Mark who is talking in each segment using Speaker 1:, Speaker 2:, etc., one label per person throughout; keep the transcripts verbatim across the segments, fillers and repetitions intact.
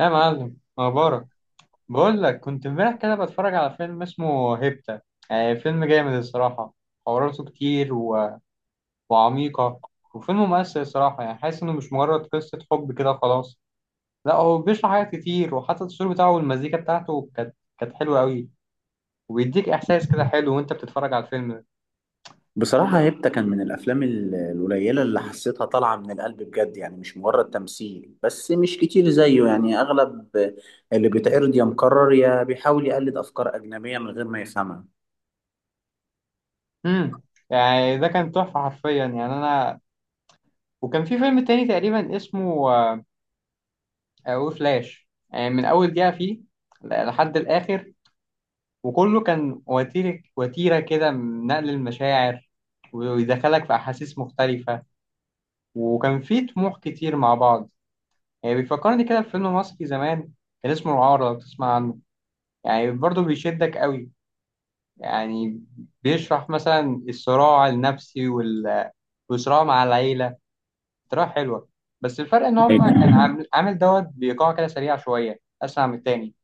Speaker 1: يا معلم مبارك، بقول لك كنت امبارح كده بتفرج على فيلم اسمه هيبتا. يعني فيلم جامد الصراحة، حواراته كتير و... وعميقة. وفيلم مؤثر الصراحة، يعني حاسس إنه مش مجرد قصة حب كده خلاص. لا، هو بيشرح حاجات كتير، وحتى التصوير بتاعه والمزيكا بتاعته كانت كانت حلوة أوي. وبيديك إحساس كده حلو وأنت بتتفرج على الفيلم ده.
Speaker 2: بصراحة هيبتا كان من الأفلام ال- القليلة اللي حسيتها طالعة من القلب بجد، يعني مش مجرد تمثيل بس، مش كتير زيه. يعني أغلب اللي بيتعرض يا مكرر يا بيحاول يقلد أفكار أجنبية من غير ما يفهمها.
Speaker 1: امم يعني ده كان تحفة حرفيا، يعني أنا. وكان في فيلم تاني تقريبا اسمه آه، وفلاش، يعني من أول دقيقة فيه لحد الآخر. وكله كان وتيرة وتيرة كده من نقل المشاعر، ويدخلك في أحاسيس مختلفة، وكان فيه طموح كتير مع بعض. يعني بيفكرني كده بفيلم مصري زمان، كان اسمه العار، لو تسمع عنه. يعني برضه بيشدك قوي، يعني بيشرح مثلا الصراع النفسي وال... والصراع مع العيلة، طريقة حلوة. بس الفرق إن هما
Speaker 2: أيوة.
Speaker 1: كان عامل عامل دوت بإيقاع كده سريع شوية أسرع من التاني.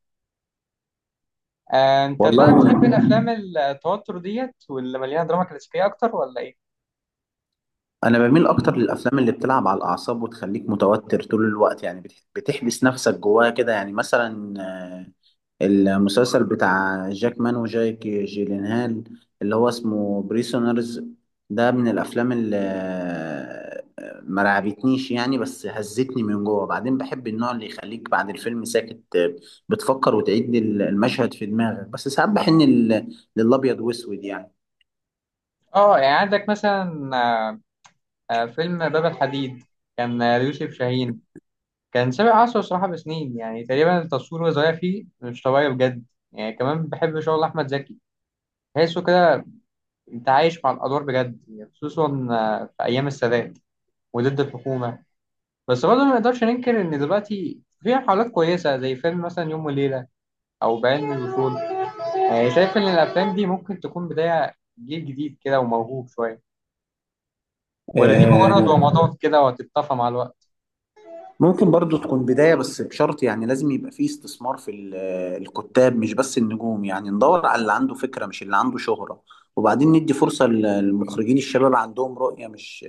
Speaker 1: آه، أنت بقى
Speaker 2: والله
Speaker 1: بتحب
Speaker 2: يعني
Speaker 1: الأفلام التوتر ديت واللي مليانة دراما كلاسيكية أكتر ولا إيه؟
Speaker 2: أنا بميل أكتر للأفلام اللي بتلعب على الأعصاب وتخليك متوتر طول الوقت، يعني بتح- بتحبس نفسك جواها كده، يعني مثلا المسلسل بتاع جاك مان وجايك جيلينهال، اللي هو اسمه بريسونرز. ده من الافلام اللي ما رعبتنيش يعني، بس هزتني من جوه. بعدين بحب النوع اللي يخليك بعد الفيلم ساكت، بتفكر وتعيد المشهد في دماغك. بس ساعات بحن لل- للابيض واسود.
Speaker 1: اه، يعني عندك مثلا آه، آه، فيلم باب الحديد، كان آه، ليوسف شاهين. كان سابق عصره صراحة بسنين، يعني تقريبا التصوير وهو صغير فيه مش طبيعي بجد. يعني كمان بحب شغل أحمد زكي، تحسه كده أنت عايش مع الأدوار بجد، يعني خصوصا آه، في أيام السادات وضد الحكومة. بس برضه ما نقدرش ننكر إن دلوقتي في محاولات كويسة، زي فيلم مثلا يوم وليلة أو بعلم الوصول. يعني شايف إن الأفلام دي ممكن تكون بداية جيل جديد كده وموهوب شوية، ولا دي مجرد
Speaker 2: يعني
Speaker 1: ومضات كده وهتتطفى مع الوقت؟
Speaker 2: ممكن برضو تكون بداية، بس بشرط، يعني لازم يبقى فيه استثمار في ال- آه، الكتاب مش بس النجوم، يعني ندور على اللي عنده فكرة مش اللي عنده شهرة، وبعدين ندي فرصة ل- للمخرجين الشباب اللي عندهم رؤية، مش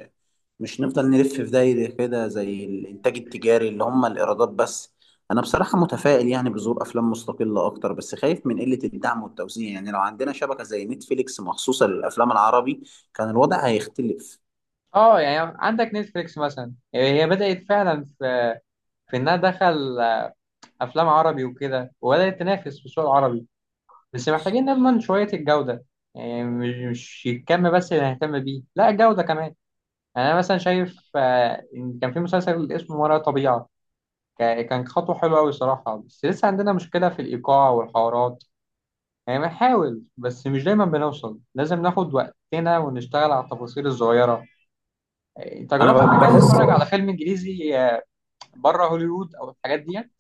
Speaker 2: مش نفضل نلف في دايرة كده زي الإنتاج التجاري اللي هم الإيرادات بس. أنا بصراحة متفائل يعني بظهور أفلام مستقلة أكتر، بس خايف من قلة الدعم والتوزيع. يعني لو عندنا شبكة زي نتفليكس مخصوصة للأفلام العربي، كان الوضع هيختلف.
Speaker 1: اه، يعني عندك نتفليكس مثلا، يعني هي بدأت فعلا في في انها دخل افلام عربي وكده، وبدأت تنافس في السوق العربي. بس محتاجين نضمن شوية الجودة، يعني مش مش الكم بس اللي هنهتم بيه، لا الجودة كمان. يعني انا مثلا شايف آه، إن كان في مسلسل اسمه ما وراء الطبيعة، كا- كان خطوة حلوة قوي الصراحة. بس لسه عندنا مشكلة في الإيقاع والحوارات، يعني بنحاول بس مش دايما بنوصل، لازم ناخد وقتنا ونشتغل على التفاصيل الصغيرة. آه، انت جربت
Speaker 2: أنا
Speaker 1: قبل كده
Speaker 2: بحس
Speaker 1: تتفرج على فيلم انجليزي بره هوليوود او الحاجات ديت؟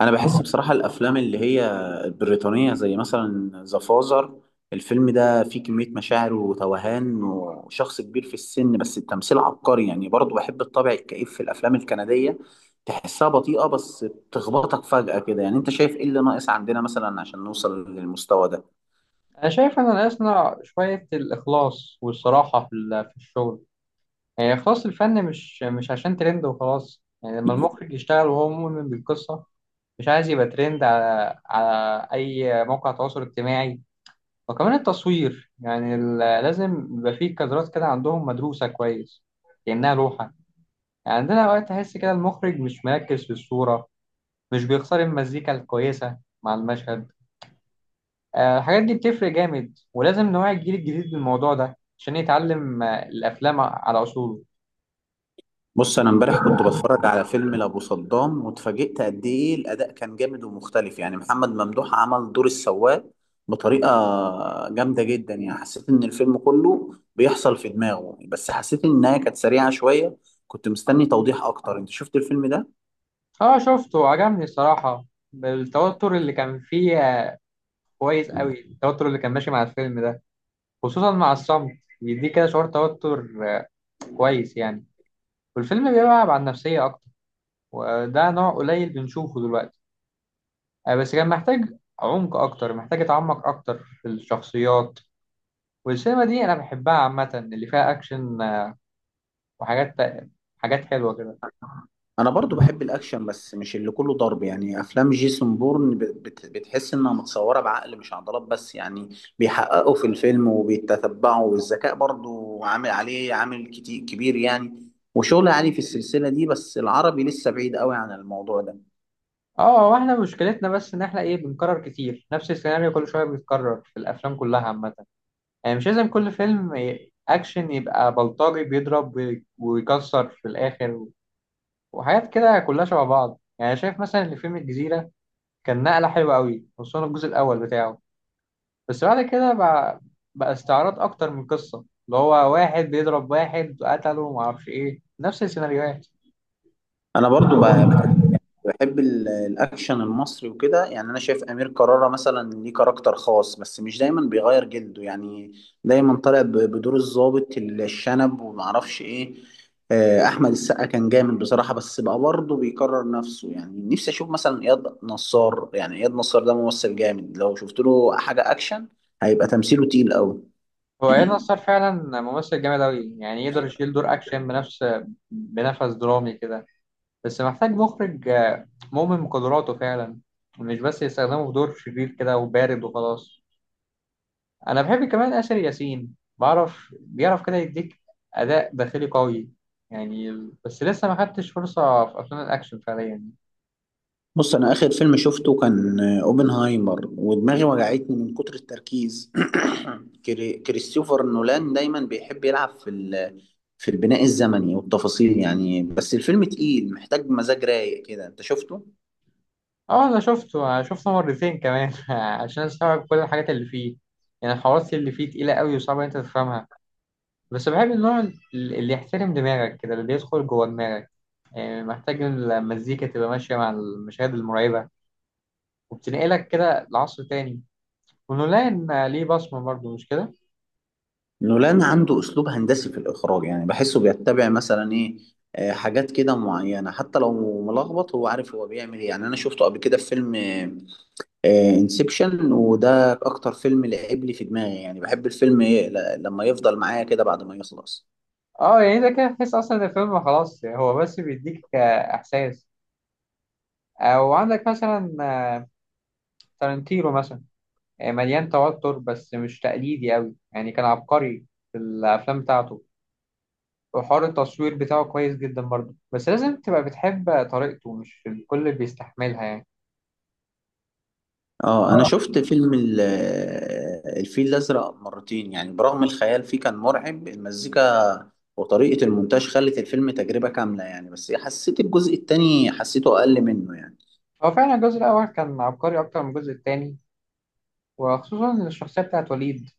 Speaker 2: انا بحس بصراحه الافلام اللي هي البريطانيه زي مثلا ذا فازر، الفيلم ده فيه كميه مشاعر وتوهان وشخص كبير في السن، بس التمثيل عبقري. يعني برضه بحب الطابع الكئيب في الافلام الكنديه، تحسها بطيئه بس بتخبطك فجاه كده. يعني انت شايف ايه اللي ناقص عندنا مثلا عشان نوصل للمستوى ده؟
Speaker 1: انا شايف ان الاصنع شويه الاخلاص والصراحه في ال- في الشغل، يعني اخلاص الفن، مش مش عشان ترند وخلاص. يعني لما المخرج يشتغل وهو مؤمن بالقصه، مش عايز يبقى ترند على على اي موقع تواصل اجتماعي. وكمان التصوير، يعني ال- لازم يبقى فيه كادرات كده عندهم مدروسه كويس، كانها لوحه. يعني عندنا اوقات تحس كده المخرج مش مركز في الصوره، مش بيختار المزيكا الكويسه مع المشهد. آه، الحاجات دي بتفرق جامد، ولازم نوعي الجيل الجديد بالموضوع ده عشان يتعلم آه، الأفلام على أصوله.
Speaker 2: بص انا امبارح كنت بتفرج على فيلم لابو صدام، واتفاجئت قد ايه الاداء كان جامد ومختلف. يعني محمد ممدوح عمل دور السواق بطريقه جامده جدا، يعني حسيت ان الفيلم كله بيحصل في دماغه. بس حسيت انها كانت سريعه شويه، كنت مستني توضيح اكتر. انت شفت الفيلم ده؟
Speaker 1: اه، شفته، عجبني الصراحة. التوتر اللي كان فيه آه، كويس قوي، التوتر اللي كان ماشي مع الفيلم ده، خصوصا مع الصمت، بيديك كده شعور توتر آه، كويس يعني. والفيلم بيلعب على النفسية أكتر، وده نوع قليل بنشوفه دلوقتي. آه، بس كان محتاج عمق أكتر، محتاج أتعمق أكتر في الشخصيات. والسينما دي أنا بحبها عامة، اللي فيها أكشن آه، وحاجات، حاجات حلوة كده.
Speaker 2: انا برضو بحب الاكشن بس مش اللي كله ضرب. يعني افلام جيسون بورن، ب- بت- بتحس انها متصوره بعقل مش عضلات بس. يعني بيحققوا في الفيلم وبيتتبعوا، والذكاء برضو عامل عليه عامل كتير كبير يعني، وشغل عالي في السلسله دي. بس العربي لسه بعيد قوي عن الموضوع ده.
Speaker 1: اه، واحنا مشكلتنا بس ان احنا ايه، بنكرر كتير نفس السيناريو، كل شويه بيتكرر في الافلام كلها عامه. يعني مش لازم كل فيلم ي- اكشن يبقى بلطجي بيضرب وي- ويكسر في الاخر، وحاجات كده كلها شبه بعض. يعني شايف مثلا ان فيلم الجزيره كان نقله حلوه قوي، خصوصا الجزء الاول بتاعه. بس بعد كده بقى بقى استعراض اكتر من قصه، اللي هو واحد بيضرب واحد قتله ومعرفش ايه، نفس السيناريوهات.
Speaker 2: انا برضو ب- بحب بحب ال- الاكشن المصري وكده. يعني انا شايف امير كرارة مثلا ليه كاركتر خاص، بس مش دايما بيغير جلده، يعني دايما طالع ب- بدور الضابط الشنب ومعرفش ايه. آه، احمد السقا كان جامد بصراحة، بس بقى برضه بيكرر نفسه. يعني نفسي اشوف مثلا اياد نصار، يعني اياد نصار ده ممثل جامد، لو شفت له حاجة اكشن هيبقى تمثيله تقيل قوي.
Speaker 1: هو ايه نصار فعلا ممثل جامد أوي، يعني يقدر يشيل دور أكشن بنفس بنفس درامي كده. بس محتاج مخرج آه، مؤمن بقدراته فعلا، مش بس يستخدمه في دور شرير كده وبارد وخلاص. أنا بحب كمان آسر ياسين، بعرف بيعرف كده يديك أداء داخلي قوي يعني. بس لسه ما خدتش فرصة في أفلام الأكشن فعليا.
Speaker 2: بص انا اخر فيلم شفته كان آه، اوبنهايمر، ودماغي وجعتني من كتر التركيز. كري- كريستوفر نولان دايما بيحب يلعب في ال- في البناء الزمني والتفاصيل يعني، بس الفيلم تقيل محتاج مزاج رايق كده. انت شفته؟
Speaker 1: اه، أنا شفته أنا شفته مرتين كمان عشان أستوعب كل الحاجات اللي فيه. يعني الحوارات اللي فيه تقيلة أوي، وصعبة إن أنت تفهمها. بس بحب النوع اللي يحترم دماغك كده، اللي بيدخل جوه دماغك. يعني محتاج إن المزيكا تبقى ماشية مع المشاهد المرعبة، وبتنقلك كده لعصر تاني. ونولان ليه بصمة برضه، مش كده؟
Speaker 2: نولان عنده اسلوب هندسي في الاخراج، يعني بحسه بيتبع مثلا ايه، آه، حاجات كده معينة، حتى لو ملخبط هو عارف هو بيعمل ايه. يعني انا شفته قبل كده في فيلم انسبشن، وده اكتر فيلم لعب لي في دماغي. يعني بحب الفيلم ي- ل- لما يفضل معايا كده بعد ما يخلص.
Speaker 1: اه، يعني ده كده تحس أصلا إن الفيلم خلاص، هو بس بيديك آه، إحساس. أو عندك مثلا آه، تارنتينو مثلا، آه، مليان توتر بس مش تقليدي أوي. يعني كان عبقري في الأفلام بتاعته. وحوار التصوير بتاعه كويس جدا برضه، بس لازم تبقى بتحب طريقته، مش الكل بيستحملها يعني.
Speaker 2: اه انا شفت فيلم ال- الفيل الازرق مرتين، يعني برغم الخيال فيه كان مرعب. المزيكا وطريقة المونتاج خلت الفيلم تجربة كاملة يعني، بس حسيت الجزء التاني حسيته اقل منه يعني.
Speaker 1: هو فعلا الجزء الأول كان عبقري أكتر من الجزء التاني، وخصوصا الشخصية بتاعت وليد.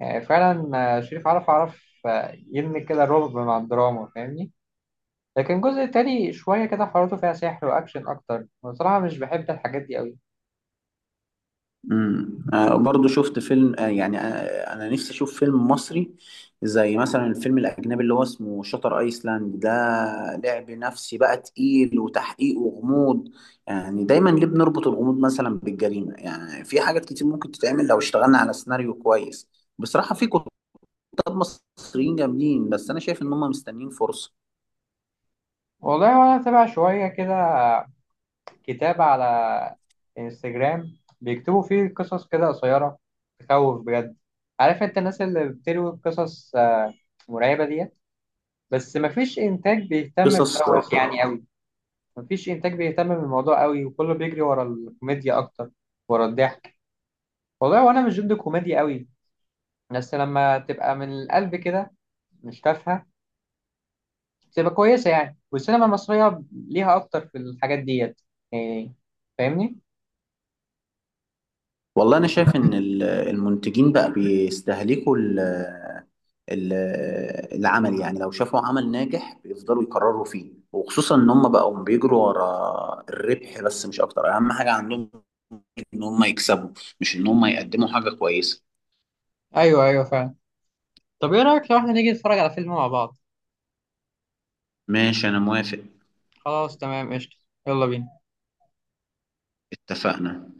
Speaker 1: آه، فعلا. آه، شريف عرف عرف آه، يبني كده الرعب مع الدراما، فاهمني. لكن الجزء التاني شوية كده حواراته فيها سحر وأكشن أكتر. بصراحة مش بحب الحاجات دي أوي.
Speaker 2: امم آه برضه شفت فيلم آه يعني آه انا نفسي اشوف فيلم مصري زي مثلا الفيلم الاجنبي اللي هو اسمه شاتر ايسلاند ده. لعب نفسي بقى، تقيل وتحقيق وغموض. يعني دايما ليه بنربط الغموض مثلا بالجريمه؟ يعني في حاجات كتير ممكن تتعمل لو اشتغلنا على سيناريو كويس. بصراحه في كتاب مصريين جامدين، بس انا شايف ان هم مستنيين فرصه.
Speaker 1: والله وأنا أتابع شوية كده كتاب على انستجرام بيكتبوا فيه قصص كده قصيرة تخوف بجد. عارف أنت الناس اللي بتروي قصص آه، مرعبة ديت؟ بس مفيش إنتاج بيهتم
Speaker 2: قصص آه،
Speaker 1: بدوت يعني أوي، مفيش انتاج بيهتم بالموضوع قوي، وكله بيجري ورا الكوميديا اكتر، ورا الضحك. والله وانا مش ضد الكوميديا قوي، بس لما تبقى من القلب كده، مش تافهه، تبقى كويسه. يعني والسينما المصريه ليها اكتر في الحاجات ديت يعني، فاهمني.
Speaker 2: والله انا شايف ان ال- المنتجين بقى بيستهلكوا ال- ال- العمل. يعني لو شافوا عمل ناجح بيفضلوا يكرروا فيه، وخصوصا ان هم بقوا بيجروا ورا الربح بس مش اكتر. اهم حاجة عندهم ان هم يكسبوا، مش ان هم يقدموا حاجة كويسة.
Speaker 1: ايوه، ايوه، فعلا. طب ايه رايك لو احنا نيجي نتفرج على فيلم مع بعض؟
Speaker 2: ماشي انا موافق.
Speaker 1: خلاص، تمام، قشطه. يلا بينا.
Speaker 2: اتفقنا.